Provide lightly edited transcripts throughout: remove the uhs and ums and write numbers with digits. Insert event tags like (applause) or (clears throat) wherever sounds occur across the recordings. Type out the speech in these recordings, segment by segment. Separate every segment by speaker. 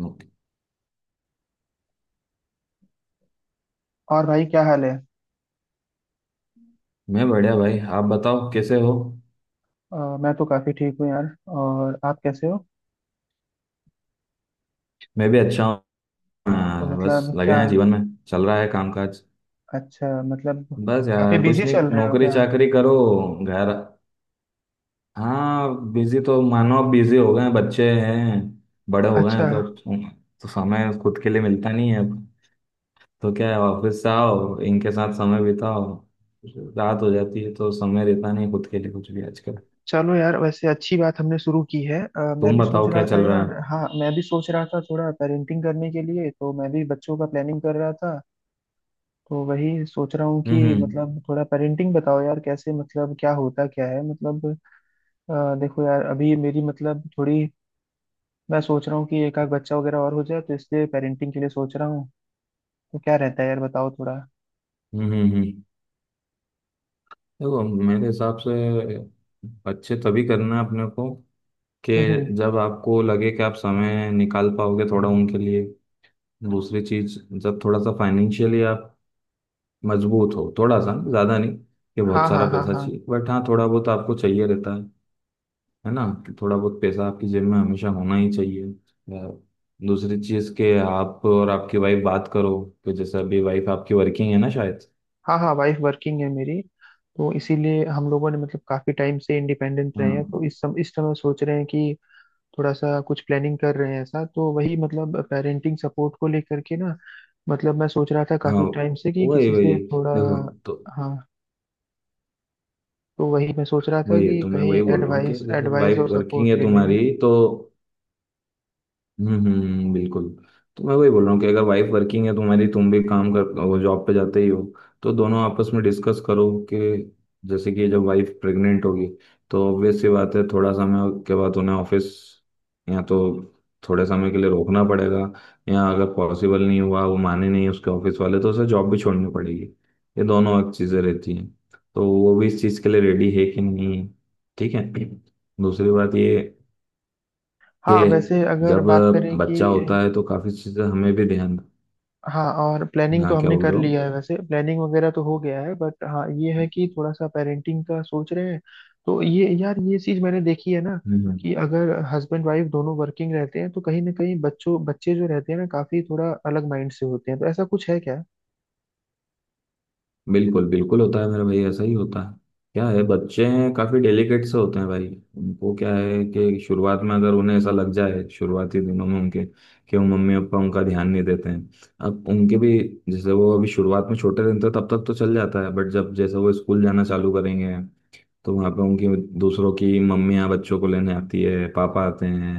Speaker 1: Okay.
Speaker 2: और भाई क्या हाल है?
Speaker 1: मैं बढ़िया भाई, आप बताओ कैसे हो।
Speaker 2: मैं तो काफी ठीक हूँ यार। और आप कैसे हो?
Speaker 1: मैं भी अच्छा हूँ।
Speaker 2: तो
Speaker 1: हाँ, बस
Speaker 2: मतलब
Speaker 1: लगे
Speaker 2: क्या?
Speaker 1: हैं जीवन में। चल रहा है कामकाज।
Speaker 2: अच्छा मतलब।
Speaker 1: बस
Speaker 2: काफी
Speaker 1: यार, कुछ
Speaker 2: बिजी
Speaker 1: नहीं,
Speaker 2: चल रहे हो
Speaker 1: नौकरी
Speaker 2: क्या?
Speaker 1: चाकरी करो। घर। हाँ, बिजी तो मानो बिजी हो गए हैं, बच्चे हैं। बड़े हो गए
Speaker 2: अच्छा।
Speaker 1: हैं तो समय खुद के लिए मिलता नहीं है अब। तो क्या है, ऑफिस से आओ, इनके साथ समय बिताओ। रात हो जाती है तो समय रहता नहीं है खुद के लिए कुछ भी आजकल।
Speaker 2: चलो यार, वैसे अच्छी बात हमने शुरू की है। मैं
Speaker 1: तुम
Speaker 2: भी सोच
Speaker 1: बताओ,
Speaker 2: रहा
Speaker 1: क्या
Speaker 2: था
Speaker 1: चल रहा है।
Speaker 2: यार। हाँ, मैं भी सोच रहा था थोड़ा पेरेंटिंग करने के लिए, तो मैं भी बच्चों का प्लानिंग कर रहा था। तो वही सोच रहा हूँ
Speaker 1: हम्म
Speaker 2: कि
Speaker 1: हम्म
Speaker 2: मतलब थोड़ा पेरेंटिंग बताओ यार, कैसे मतलब क्या होता क्या है मतलब। देखो यार, अभी मेरी मतलब थोड़ी, मैं सोच रहा हूँ कि एक आध बच्चा वगैरह और हो जाए तो इसलिए पेरेंटिंग के लिए सोच रहा हूँ। तो क्या रहता है यार बताओ थोड़ा।
Speaker 1: हम्म हम्म हम्म। देखो, मेरे हिसाब से अच्छे तभी करना है अपने को, कि
Speaker 2: हम्म।
Speaker 1: जब आपको लगे कि आप समय निकाल पाओगे थोड़ा उनके लिए। दूसरी चीज, जब थोड़ा सा फाइनेंशियली आप मजबूत हो। थोड़ा सा, ज़्यादा नहीं कि
Speaker 2: हाँ
Speaker 1: बहुत
Speaker 2: हाँ
Speaker 1: सारा
Speaker 2: हाँ
Speaker 1: पैसा
Speaker 2: हाँ।
Speaker 1: चाहिए, बट हाँ, थोड़ा बहुत आपको चाहिए रहता है। है ना, कि थोड़ा बहुत पैसा आपकी जेब में हमेशा होना ही चाहिए। या दूसरी चीज़, के आप और आपकी वाइफ बात करो कि जैसे अभी वाइफ आपकी वर्किंग है ना शायद।
Speaker 2: हाँ हाँ वाइफ वर्किंग है मेरी। तो इसीलिए हम लोगों ने मतलब काफी टाइम से इंडिपेंडेंट रहे हैं,
Speaker 1: हाँ,
Speaker 2: तो इस समय सोच रहे हैं कि थोड़ा सा कुछ प्लानिंग कर रहे हैं ऐसा। तो वही मतलब पेरेंटिंग सपोर्ट को लेकर के ना, मतलब मैं सोच रहा था
Speaker 1: हाँ,
Speaker 2: काफी टाइम से कि
Speaker 1: वही
Speaker 2: किसी
Speaker 1: वही।
Speaker 2: से थोड़ा।
Speaker 1: देखो, तो
Speaker 2: हाँ, तो वही मैं सोच रहा था
Speaker 1: वही है,
Speaker 2: कि
Speaker 1: तो मैं
Speaker 2: कहीं
Speaker 1: वही बोल रहा हूँ कि
Speaker 2: एडवाइस
Speaker 1: जैसे
Speaker 2: एडवाइस
Speaker 1: वाइफ
Speaker 2: और
Speaker 1: वर्किंग
Speaker 2: सपोर्ट
Speaker 1: है
Speaker 2: ले लें।
Speaker 1: तुम्हारी तो। बिल्कुल। तो मैं वही बोल रहा हूँ कि अगर वाइफ वर्किंग है तुम्हारी, तुम भी काम कर, वो जॉब पे जाते ही हो, तो दोनों आपस में डिस्कस करो कि जैसे कि जब वाइफ प्रेग्नेंट होगी, तो ऑब्वियस सी बात है थोड़ा समय के बाद उन्हें ऑफिस, या तो थोड़े समय के लिए रोकना पड़ेगा, या अगर पॉसिबल नहीं हुआ, वो माने नहीं उसके ऑफिस वाले, तो उसे जॉब भी छोड़नी पड़ेगी। ये दोनों एक चीज़ें रहती हैं। तो वो भी इस चीज़ के लिए रेडी है कि नहीं है। ठीक है। दूसरी बात ये कि
Speaker 2: हाँ, वैसे अगर
Speaker 1: जब
Speaker 2: बात करें कि।
Speaker 1: बच्चा होता है तो काफी चीजें हमें भी ध्यान।
Speaker 2: हाँ, और प्लानिंग तो
Speaker 1: हाँ, क्या
Speaker 2: हमने
Speaker 1: बोल
Speaker 2: कर
Speaker 1: रहे हो।
Speaker 2: लिया है, वैसे प्लानिंग वगैरह तो हो गया है, बट हाँ ये है कि थोड़ा सा पेरेंटिंग का सोच रहे हैं। तो ये यार ये चीज मैंने देखी है ना,
Speaker 1: हम्म।
Speaker 2: कि अगर हस्बैंड वाइफ दोनों वर्किंग रहते हैं तो कहीं ना कहीं बच्चों बच्चे जो रहते हैं ना काफी थोड़ा अलग माइंड से होते हैं। तो ऐसा कुछ है क्या?
Speaker 1: बिल्कुल बिल्कुल होता है मेरे भाई, ऐसा ही होता है। क्या है, बच्चे काफी डेलिकेट से होते हैं भाई। उनको क्या है कि शुरुआत में अगर उन्हें ऐसा लग जाए, शुरुआती दिनों में उनके, कि वो मम्मी पापा उनका ध्यान नहीं देते हैं। अब उनके भी, जैसे वो अभी शुरुआत में छोटे रहते हैं तब तक तो चल जाता है, बट जब जैसे वो स्कूल जाना चालू करेंगे, तो वहाँ पे उनकी, दूसरों की मम्मियाँ बच्चों को लेने आती है, पापा आते हैं,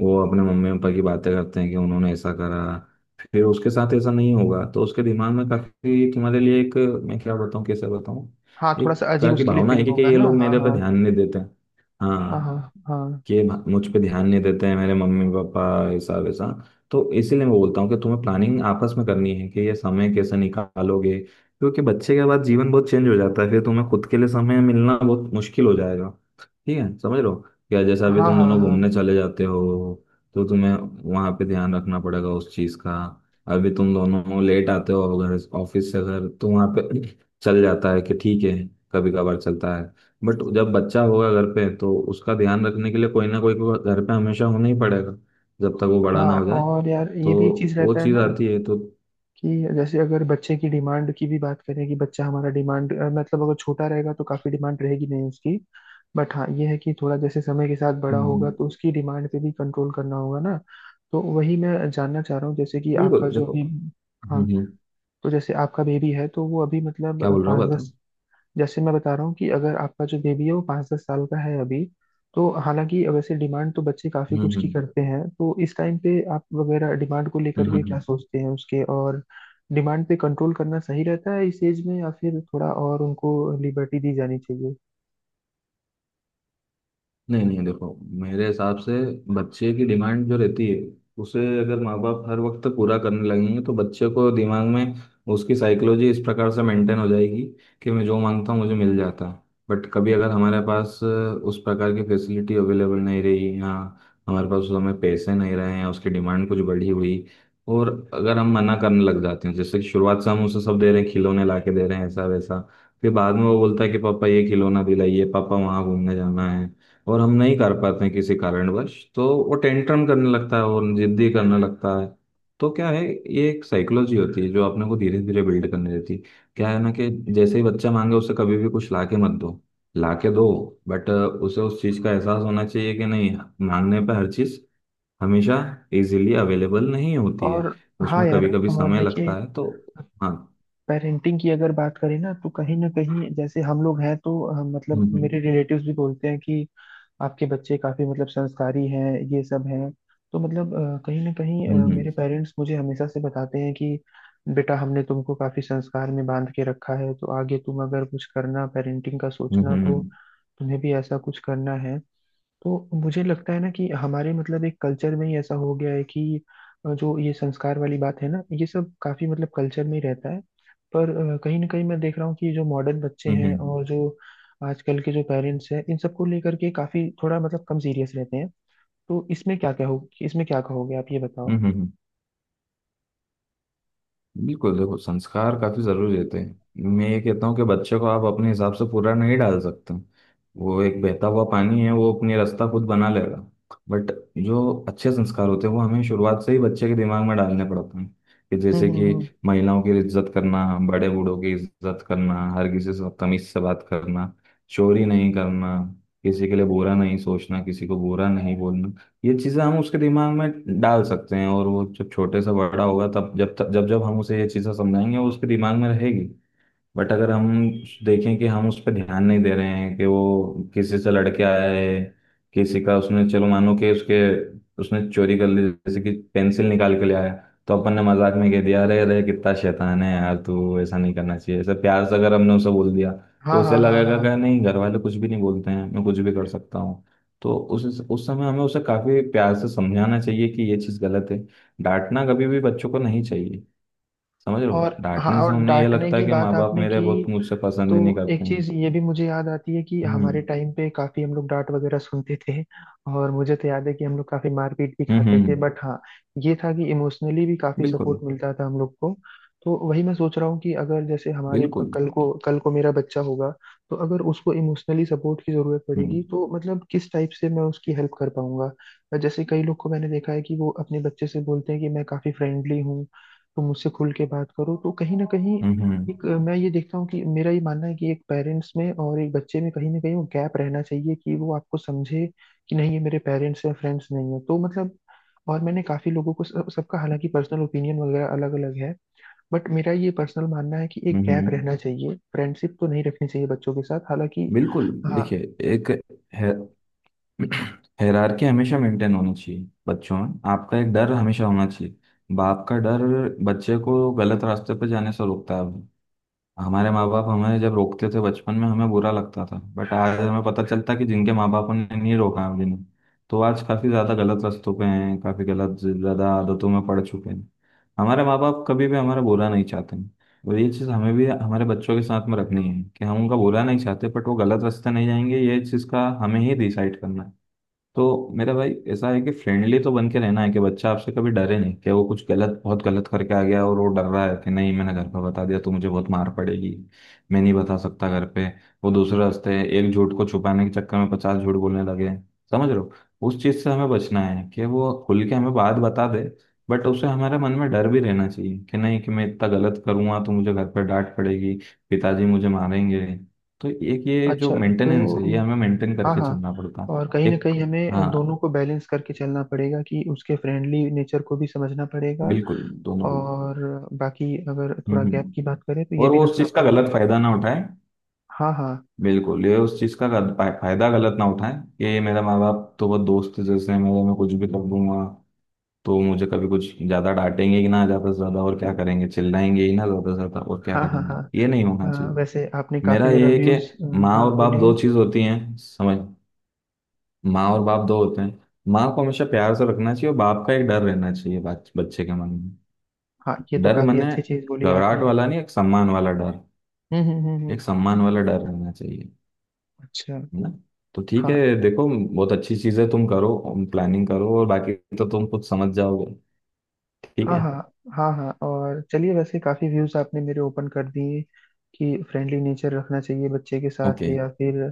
Speaker 1: वो अपने मम्मी पापा की बातें करते हैं कि उन्होंने ऐसा करा, फिर उसके साथ ऐसा नहीं होगा, तो उसके दिमाग में काफी तुम्हारे लिए एक, मैं क्या बताऊँ, कैसे बताऊँ,
Speaker 2: हाँ
Speaker 1: एक
Speaker 2: थोड़ा सा अजीब
Speaker 1: तरह की
Speaker 2: उसके लिए
Speaker 1: भावना है
Speaker 2: फीलिंग
Speaker 1: कि
Speaker 2: होगा
Speaker 1: ये
Speaker 2: ना,
Speaker 1: लोग
Speaker 2: हाँ
Speaker 1: मेरे पे
Speaker 2: हाँ।
Speaker 1: ध्यान नहीं देते।
Speaker 2: हाँ
Speaker 1: हाँ।
Speaker 2: हाँ हाँ
Speaker 1: कि मुझ पे ध्यान नहीं देते हैं मेरे मम्मी पापा, ऐसा वैसा। तो इसीलिए मैं बोलता हूँ कि तुम्हें प्लानिंग आपस में करनी है कि ये समय कैसे निकालोगे, क्योंकि बच्चे के बाद जीवन बहुत चेंज हो जाता है, फिर तुम्हें खुद के लिए समय मिलना बहुत मुश्किल हो जाएगा। ठीक है, समझ लो। या जैसे अभी
Speaker 2: हाँ
Speaker 1: तुम
Speaker 2: हाँ
Speaker 1: दोनों घूमने
Speaker 2: हाँ
Speaker 1: चले जाते हो, तो तुम्हें वहाँ पे ध्यान रखना पड़ेगा उस चीज़ का। अभी तुम दोनों लेट आते हो घर, ऑफिस से घर, तो वहाँ पे (clears throat) चल जाता है कि ठीक है, कभी कभार चलता है, बट जब बच्चा होगा घर पे तो उसका ध्यान रखने के लिए कोई ना कोई को घर पे हमेशा होना ही पड़ेगा, जब तक वो बड़ा
Speaker 2: हाँ।
Speaker 1: ना हो जाए।
Speaker 2: और यार, ये
Speaker 1: तो
Speaker 2: भी एक चीज
Speaker 1: वो
Speaker 2: रहता है
Speaker 1: चीज
Speaker 2: ना,
Speaker 1: आती है तो
Speaker 2: कि जैसे अगर बच्चे की डिमांड की भी बात करें, कि बच्चा हमारा डिमांड मतलब अगर छोटा रहेगा तो काफी डिमांड रहेगी नहीं उसकी। बट हाँ ये है कि थोड़ा जैसे समय के साथ बड़ा होगा
Speaker 1: हम्म,
Speaker 2: तो उसकी डिमांड पे भी कंट्रोल करना होगा ना। तो वही मैं जानना चाह रहा हूँ, जैसे कि आपका
Speaker 1: बिल्कुल।
Speaker 2: जो
Speaker 1: देखो,
Speaker 2: अभी।
Speaker 1: हम्म
Speaker 2: हाँ।
Speaker 1: हम्म,
Speaker 2: तो जैसे आपका बेबी है तो वो अभी मतलब
Speaker 1: क्या बोल रहा हूँ
Speaker 2: पाँच
Speaker 1: बताओ।
Speaker 2: दस। जैसे मैं बता रहा हूँ कि अगर आपका जो बेबी है वो पाँच दस साल का है अभी, तो हालांकि वैसे डिमांड तो बच्चे काफी
Speaker 1: हम्म
Speaker 2: कुछ की
Speaker 1: हम्म
Speaker 2: करते हैं, तो इस टाइम पे आप वगैरह डिमांड को लेकर के क्या
Speaker 1: हम्म।
Speaker 2: सोचते हैं उसके, और डिमांड पे कंट्रोल करना सही रहता है इस एज में या फिर थोड़ा और उनको लिबर्टी दी जानी चाहिए।
Speaker 1: नहीं नहीं, देखो, मेरे हिसाब से बच्चे की डिमांड जो रहती है, उसे अगर माँ बाप हर वक्त पूरा करने लगेंगे, तो बच्चे को दिमाग में, उसकी साइकोलॉजी इस प्रकार से मेंटेन हो जाएगी कि मैं जो मांगता हूँ मुझे मिल जाता है। बट कभी अगर हमारे पास उस प्रकार की फैसिलिटी अवेलेबल नहीं रही, या हमारे पास उस समय पैसे नहीं रहे, या उसकी डिमांड कुछ बढ़ी हुई, और अगर हम मना करने लग जाते हैं, जैसे कि शुरुआत से हम उसे सब दे रहे हैं, खिलौने ला के दे रहे हैं ऐसा वैसा, फिर बाद में वो बोलता है कि पापा ये खिलौना दिलाइए, पापा वहाँ घूमने जाना है, और हम नहीं कर पाते हैं किसी कारणवश, तो वो टेंट्रम करने लगता है और जिद्दी करने लगता है। तो क्या है, ये एक साइकोलॉजी होती है जो अपने को धीरे धीरे बिल्ड करने देती है। क्या है ना, कि जैसे ही बच्चा मांगे उसे कभी भी कुछ लाके मत दो। लाके दो, बट उसे उस चीज़ का एहसास होना चाहिए कि नहीं, मांगने पे हर चीज़ हमेशा इजीली अवेलेबल नहीं होती है,
Speaker 2: और हाँ
Speaker 1: उसमें कभी
Speaker 2: यार,
Speaker 1: कभी
Speaker 2: और
Speaker 1: समय
Speaker 2: देखिए
Speaker 1: लगता है तो। हाँ।
Speaker 2: पेरेंटिंग की अगर बात करें ना, तो कहीं ना कहीं जैसे हम लोग हैं तो मतलब
Speaker 1: हम्म
Speaker 2: मेरे रिलेटिव्स भी बोलते हैं कि आपके बच्चे काफी मतलब संस्कारी हैं ये सब हैं। तो मतलब कहीं ना कहीं
Speaker 1: हम्म हम्म
Speaker 2: मेरे पेरेंट्स मुझे हमेशा से बताते हैं कि बेटा हमने तुमको काफी संस्कार में बांध के रखा है, तो आगे तुम अगर कुछ करना पेरेंटिंग का
Speaker 1: हम्म
Speaker 2: सोचना तो
Speaker 1: हम्म
Speaker 2: तुम्हें भी ऐसा कुछ करना है। तो मुझे लगता है ना कि हमारे मतलब एक कल्चर में ही ऐसा हो गया है कि जो ये संस्कार वाली बात है ना ये सब काफी मतलब कल्चर में ही रहता है। पर कहीं ना कहीं मैं देख रहा हूँ कि जो मॉडर्न बच्चे
Speaker 1: हम्म
Speaker 2: हैं
Speaker 1: हम्म
Speaker 2: और जो आजकल के जो पेरेंट्स हैं इन सबको लेकर के काफी थोड़ा मतलब कम सीरियस रहते हैं। तो इसमें क्या क्या हो, इसमें क्या कहोगे आप, ये बताओ।
Speaker 1: हम्म। बिल्कुल, देखो, संस्कार काफी जरूरी रहते हैं। मैं ये कहता हूँ कि बच्चे को आप अपने हिसाब से पूरा नहीं डाल सकते, वो एक बहता हुआ पानी है, वो अपनी रास्ता खुद बना लेगा। बट जो अच्छे संस्कार होते हैं वो हमें शुरुआत से ही बच्चे के दिमाग में डालने पड़ते हैं, कि
Speaker 2: हम्म
Speaker 1: जैसे
Speaker 2: हम्म हम्म।
Speaker 1: कि महिलाओं की इज्जत करना, बड़े बूढ़ों की इज्जत करना, हर किसी से तमीज से बात करना, चोरी नहीं करना, किसी के लिए बुरा नहीं सोचना, किसी को बुरा नहीं बोलना। ये चीजें हम उसके दिमाग में डाल सकते हैं और वो जब छोटे से बड़ा होगा, तब, जब तक जब जब हम उसे ये चीजें समझाएंगे, वो उसके दिमाग में रहेगी। बट अगर हम देखें कि हम उस पर ध्यान नहीं दे रहे हैं कि वो किसी से लड़के आया है, किसी का उसने, चलो मानो कि उसके, उसने चोरी कर ली, जैसे कि पेंसिल निकाल के ले आया, तो अपन ने मजाक में कह दिया, अरे अरे कितना शैतान है यार तू, ऐसा नहीं करना चाहिए, ऐसे प्यार से अगर हमने उसे बोल दिया, तो
Speaker 2: हाँ
Speaker 1: उसे
Speaker 2: हाँ हाँ
Speaker 1: लगेगा
Speaker 2: हाँ।
Speaker 1: कि नहीं, घर वाले कुछ भी नहीं बोलते हैं, मैं कुछ भी कर सकता हूँ। तो उस समय हमें उसे काफी प्यार से समझाना चाहिए कि ये चीज़ गलत है। डांटना कभी भी बच्चों को नहीं चाहिए। समझ रहे हो,
Speaker 2: और हाँ,
Speaker 1: डांटने से
Speaker 2: और
Speaker 1: उन्हें ये
Speaker 2: डांटने
Speaker 1: लगता है
Speaker 2: की
Speaker 1: कि
Speaker 2: बात
Speaker 1: माँ बाप
Speaker 2: आपने
Speaker 1: मेरे
Speaker 2: की,
Speaker 1: बहुत मुझसे पसंद
Speaker 2: तो
Speaker 1: ही नहीं करते
Speaker 2: एक चीज
Speaker 1: हैं।
Speaker 2: ये भी मुझे याद आती है कि हमारे
Speaker 1: हम्म
Speaker 2: टाइम पे काफी हम लोग डांट वगैरह सुनते थे। और मुझे तो याद है कि हम लोग काफी मारपीट भी
Speaker 1: हम्म
Speaker 2: खाते
Speaker 1: हम्म,
Speaker 2: थे,
Speaker 1: हम्म।
Speaker 2: बट हाँ ये था कि इमोशनली भी काफी
Speaker 1: बिल्कुल
Speaker 2: सपोर्ट मिलता था हम लोग को। तो वही मैं सोच रहा हूँ कि अगर जैसे हमारे
Speaker 1: बिल्कुल।
Speaker 2: कल को मेरा बच्चा होगा, तो अगर उसको इमोशनली सपोर्ट की जरूरत पड़ेगी
Speaker 1: हम्म
Speaker 2: तो मतलब किस टाइप से मैं उसकी हेल्प कर पाऊंगा। जैसे कई लोग को मैंने देखा है कि वो अपने बच्चे से बोलते हैं कि मैं काफी फ्रेंडली हूँ तो मुझसे खुल के बात करो। तो कहीं ना कहीं
Speaker 1: हम्म हम्म हम्म,
Speaker 2: एक मैं ये देखता हूँ कि मेरा ये मानना है कि एक पेरेंट्स में और एक बच्चे में कहीं ना कहीं वो गैप रहना चाहिए, कि वो आपको समझे कि नहीं ये मेरे पेरेंट्स हैं फ्रेंड्स नहीं है, तो मतलब। और मैंने काफी लोगों को सबका हालांकि पर्सनल ओपिनियन वगैरह अलग अलग है। बट मेरा ये पर्सनल मानना है कि एक
Speaker 1: हम्म,
Speaker 2: गैप
Speaker 1: हम्म।
Speaker 2: रहना चाहिए, फ्रेंडशिप तो नहीं रखनी चाहिए बच्चों के साथ हालांकि।
Speaker 1: बिल्कुल,
Speaker 2: हाँ।
Speaker 1: देखिए, एक है, हायरार्की हमेशा मेंटेन होनी चाहिए। बच्चों में आपका एक डर हमेशा होना चाहिए, बाप का डर। बच्चे को गलत रास्ते पर जाने से रोकता है। हमारे माँ बाप हमें जब रोकते थे बचपन में, हमें बुरा लगता था, बट आज हमें पता चलता कि जिनके माँ बापों ने नहीं रोका है जिन्हें, तो आज काफी ज्यादा गलत रास्तों पे हैं, काफी गलत ज्यादा आदतों में पड़ चुके हैं। हमारे माँ बाप कभी भी हमारा बुरा नहीं चाहते हैं, और ये चीज़ हमें भी हमारे बच्चों के साथ में रखनी है कि हम उनका बुरा नहीं चाहते, बट वो गलत रास्ते नहीं जाएंगे ये चीज़ का हमें ही डिसाइड करना है। तो मेरा भाई ऐसा है कि फ्रेंडली तो बन के रहना है कि बच्चा आपसे कभी डरे नहीं, कि वो कुछ गलत, बहुत गलत करके आ गया और वो डर रहा है कि नहीं, मैंने घर पर बता दिया तो मुझे बहुत मार पड़ेगी, मैं नहीं बता सकता घर पे, वो दूसरे रास्ते, एक झूठ को छुपाने के चक्कर में पचास झूठ बोलने लगे। समझ रहे हो, उस चीज से हमें बचना है कि वो खुल के हमें बात बता दे। बट उसे हमारे मन में डर भी रहना चाहिए कि नहीं कि मैं इतना गलत करूंगा तो मुझे घर पर डांट पड़ेगी, पिताजी मुझे मारेंगे। तो एक ये जो
Speaker 2: अच्छा।
Speaker 1: मेंटेनेंस है
Speaker 2: तो
Speaker 1: ये हमें मेंटेन
Speaker 2: हाँ
Speaker 1: करके
Speaker 2: हाँ,
Speaker 1: चलना पड़ता
Speaker 2: और कहीं
Speaker 1: है
Speaker 2: ना
Speaker 1: एक।
Speaker 2: कहीं हमें दोनों
Speaker 1: हाँ,
Speaker 2: को बैलेंस करके चलना पड़ेगा कि उसके फ्रेंडली नेचर को भी समझना पड़ेगा।
Speaker 1: बिल्कुल, दोनों को।
Speaker 2: और बाकी अगर
Speaker 1: हम्म
Speaker 2: थोड़ा गैप
Speaker 1: हम्म।
Speaker 2: की बात करें तो ये
Speaker 1: और
Speaker 2: भी
Speaker 1: वो उस
Speaker 2: रखना
Speaker 1: चीज का
Speaker 2: पड़ेगा।
Speaker 1: गलत फायदा ना उठाए।
Speaker 2: हाँ हाँ
Speaker 1: बिल्कुल, ये उस चीज का फायदा गलत ना उठाए कि ये मेरा माँ बाप तो बहुत दोस्त है जैसे हैं, मेरे, मैं कुछ भी कर दूंगा, तो मुझे कभी कुछ ज्यादा डांटेंगे ही ना, ज्यादा से ज्यादा और क्या करेंगे, चिल्लाएंगे ही ना, ज्यादा से ज्यादा और क्या
Speaker 2: हाँ हाँ
Speaker 1: करेंगे,
Speaker 2: हाँ।
Speaker 1: ये नहीं होना चाहिए।
Speaker 2: वैसे आपने काफी
Speaker 1: मेरा
Speaker 2: मेरा
Speaker 1: ये है कि
Speaker 2: व्यूज।
Speaker 1: माँ
Speaker 2: हाँ
Speaker 1: और बाप
Speaker 2: बोलिए।
Speaker 1: दो चीज होती हैं, समझ। माँ और बाप दो होते हैं। माँ को हमेशा प्यार से रखना चाहिए, और बाप का एक डर रहना चाहिए बच्चे के मन में।
Speaker 2: हाँ ये तो
Speaker 1: डर
Speaker 2: काफी
Speaker 1: मैंने,
Speaker 2: अच्छी चीज बोली आपने।
Speaker 1: घबराहट वाला नहीं, एक सम्मान वाला डर। एक
Speaker 2: हम्म।
Speaker 1: सम्मान वाला डर रहना चाहिए।
Speaker 2: अच्छा।
Speaker 1: है ना। तो ठीक है,
Speaker 2: हाँ
Speaker 1: देखो, बहुत अच्छी चीज है, तुम करो, प्लानिंग करो, और बाकी तो तुम कुछ समझ जाओगे। ठीक
Speaker 2: हाँ
Speaker 1: है।
Speaker 2: हाँ हाँ हाँ, और चलिए वैसे काफी व्यूज आपने मेरे ओपन कर दिए कि फ्रेंडली नेचर रखना चाहिए बच्चे के साथ
Speaker 1: ओके।
Speaker 2: या फिर।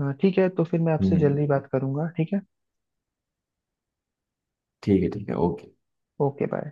Speaker 2: ठीक है, तो फिर मैं आपसे
Speaker 1: हम्म।
Speaker 2: जल्दी बात करूंगा, ठीक है?
Speaker 1: ठीक है, ठीक है, ओके।
Speaker 2: Okay bye.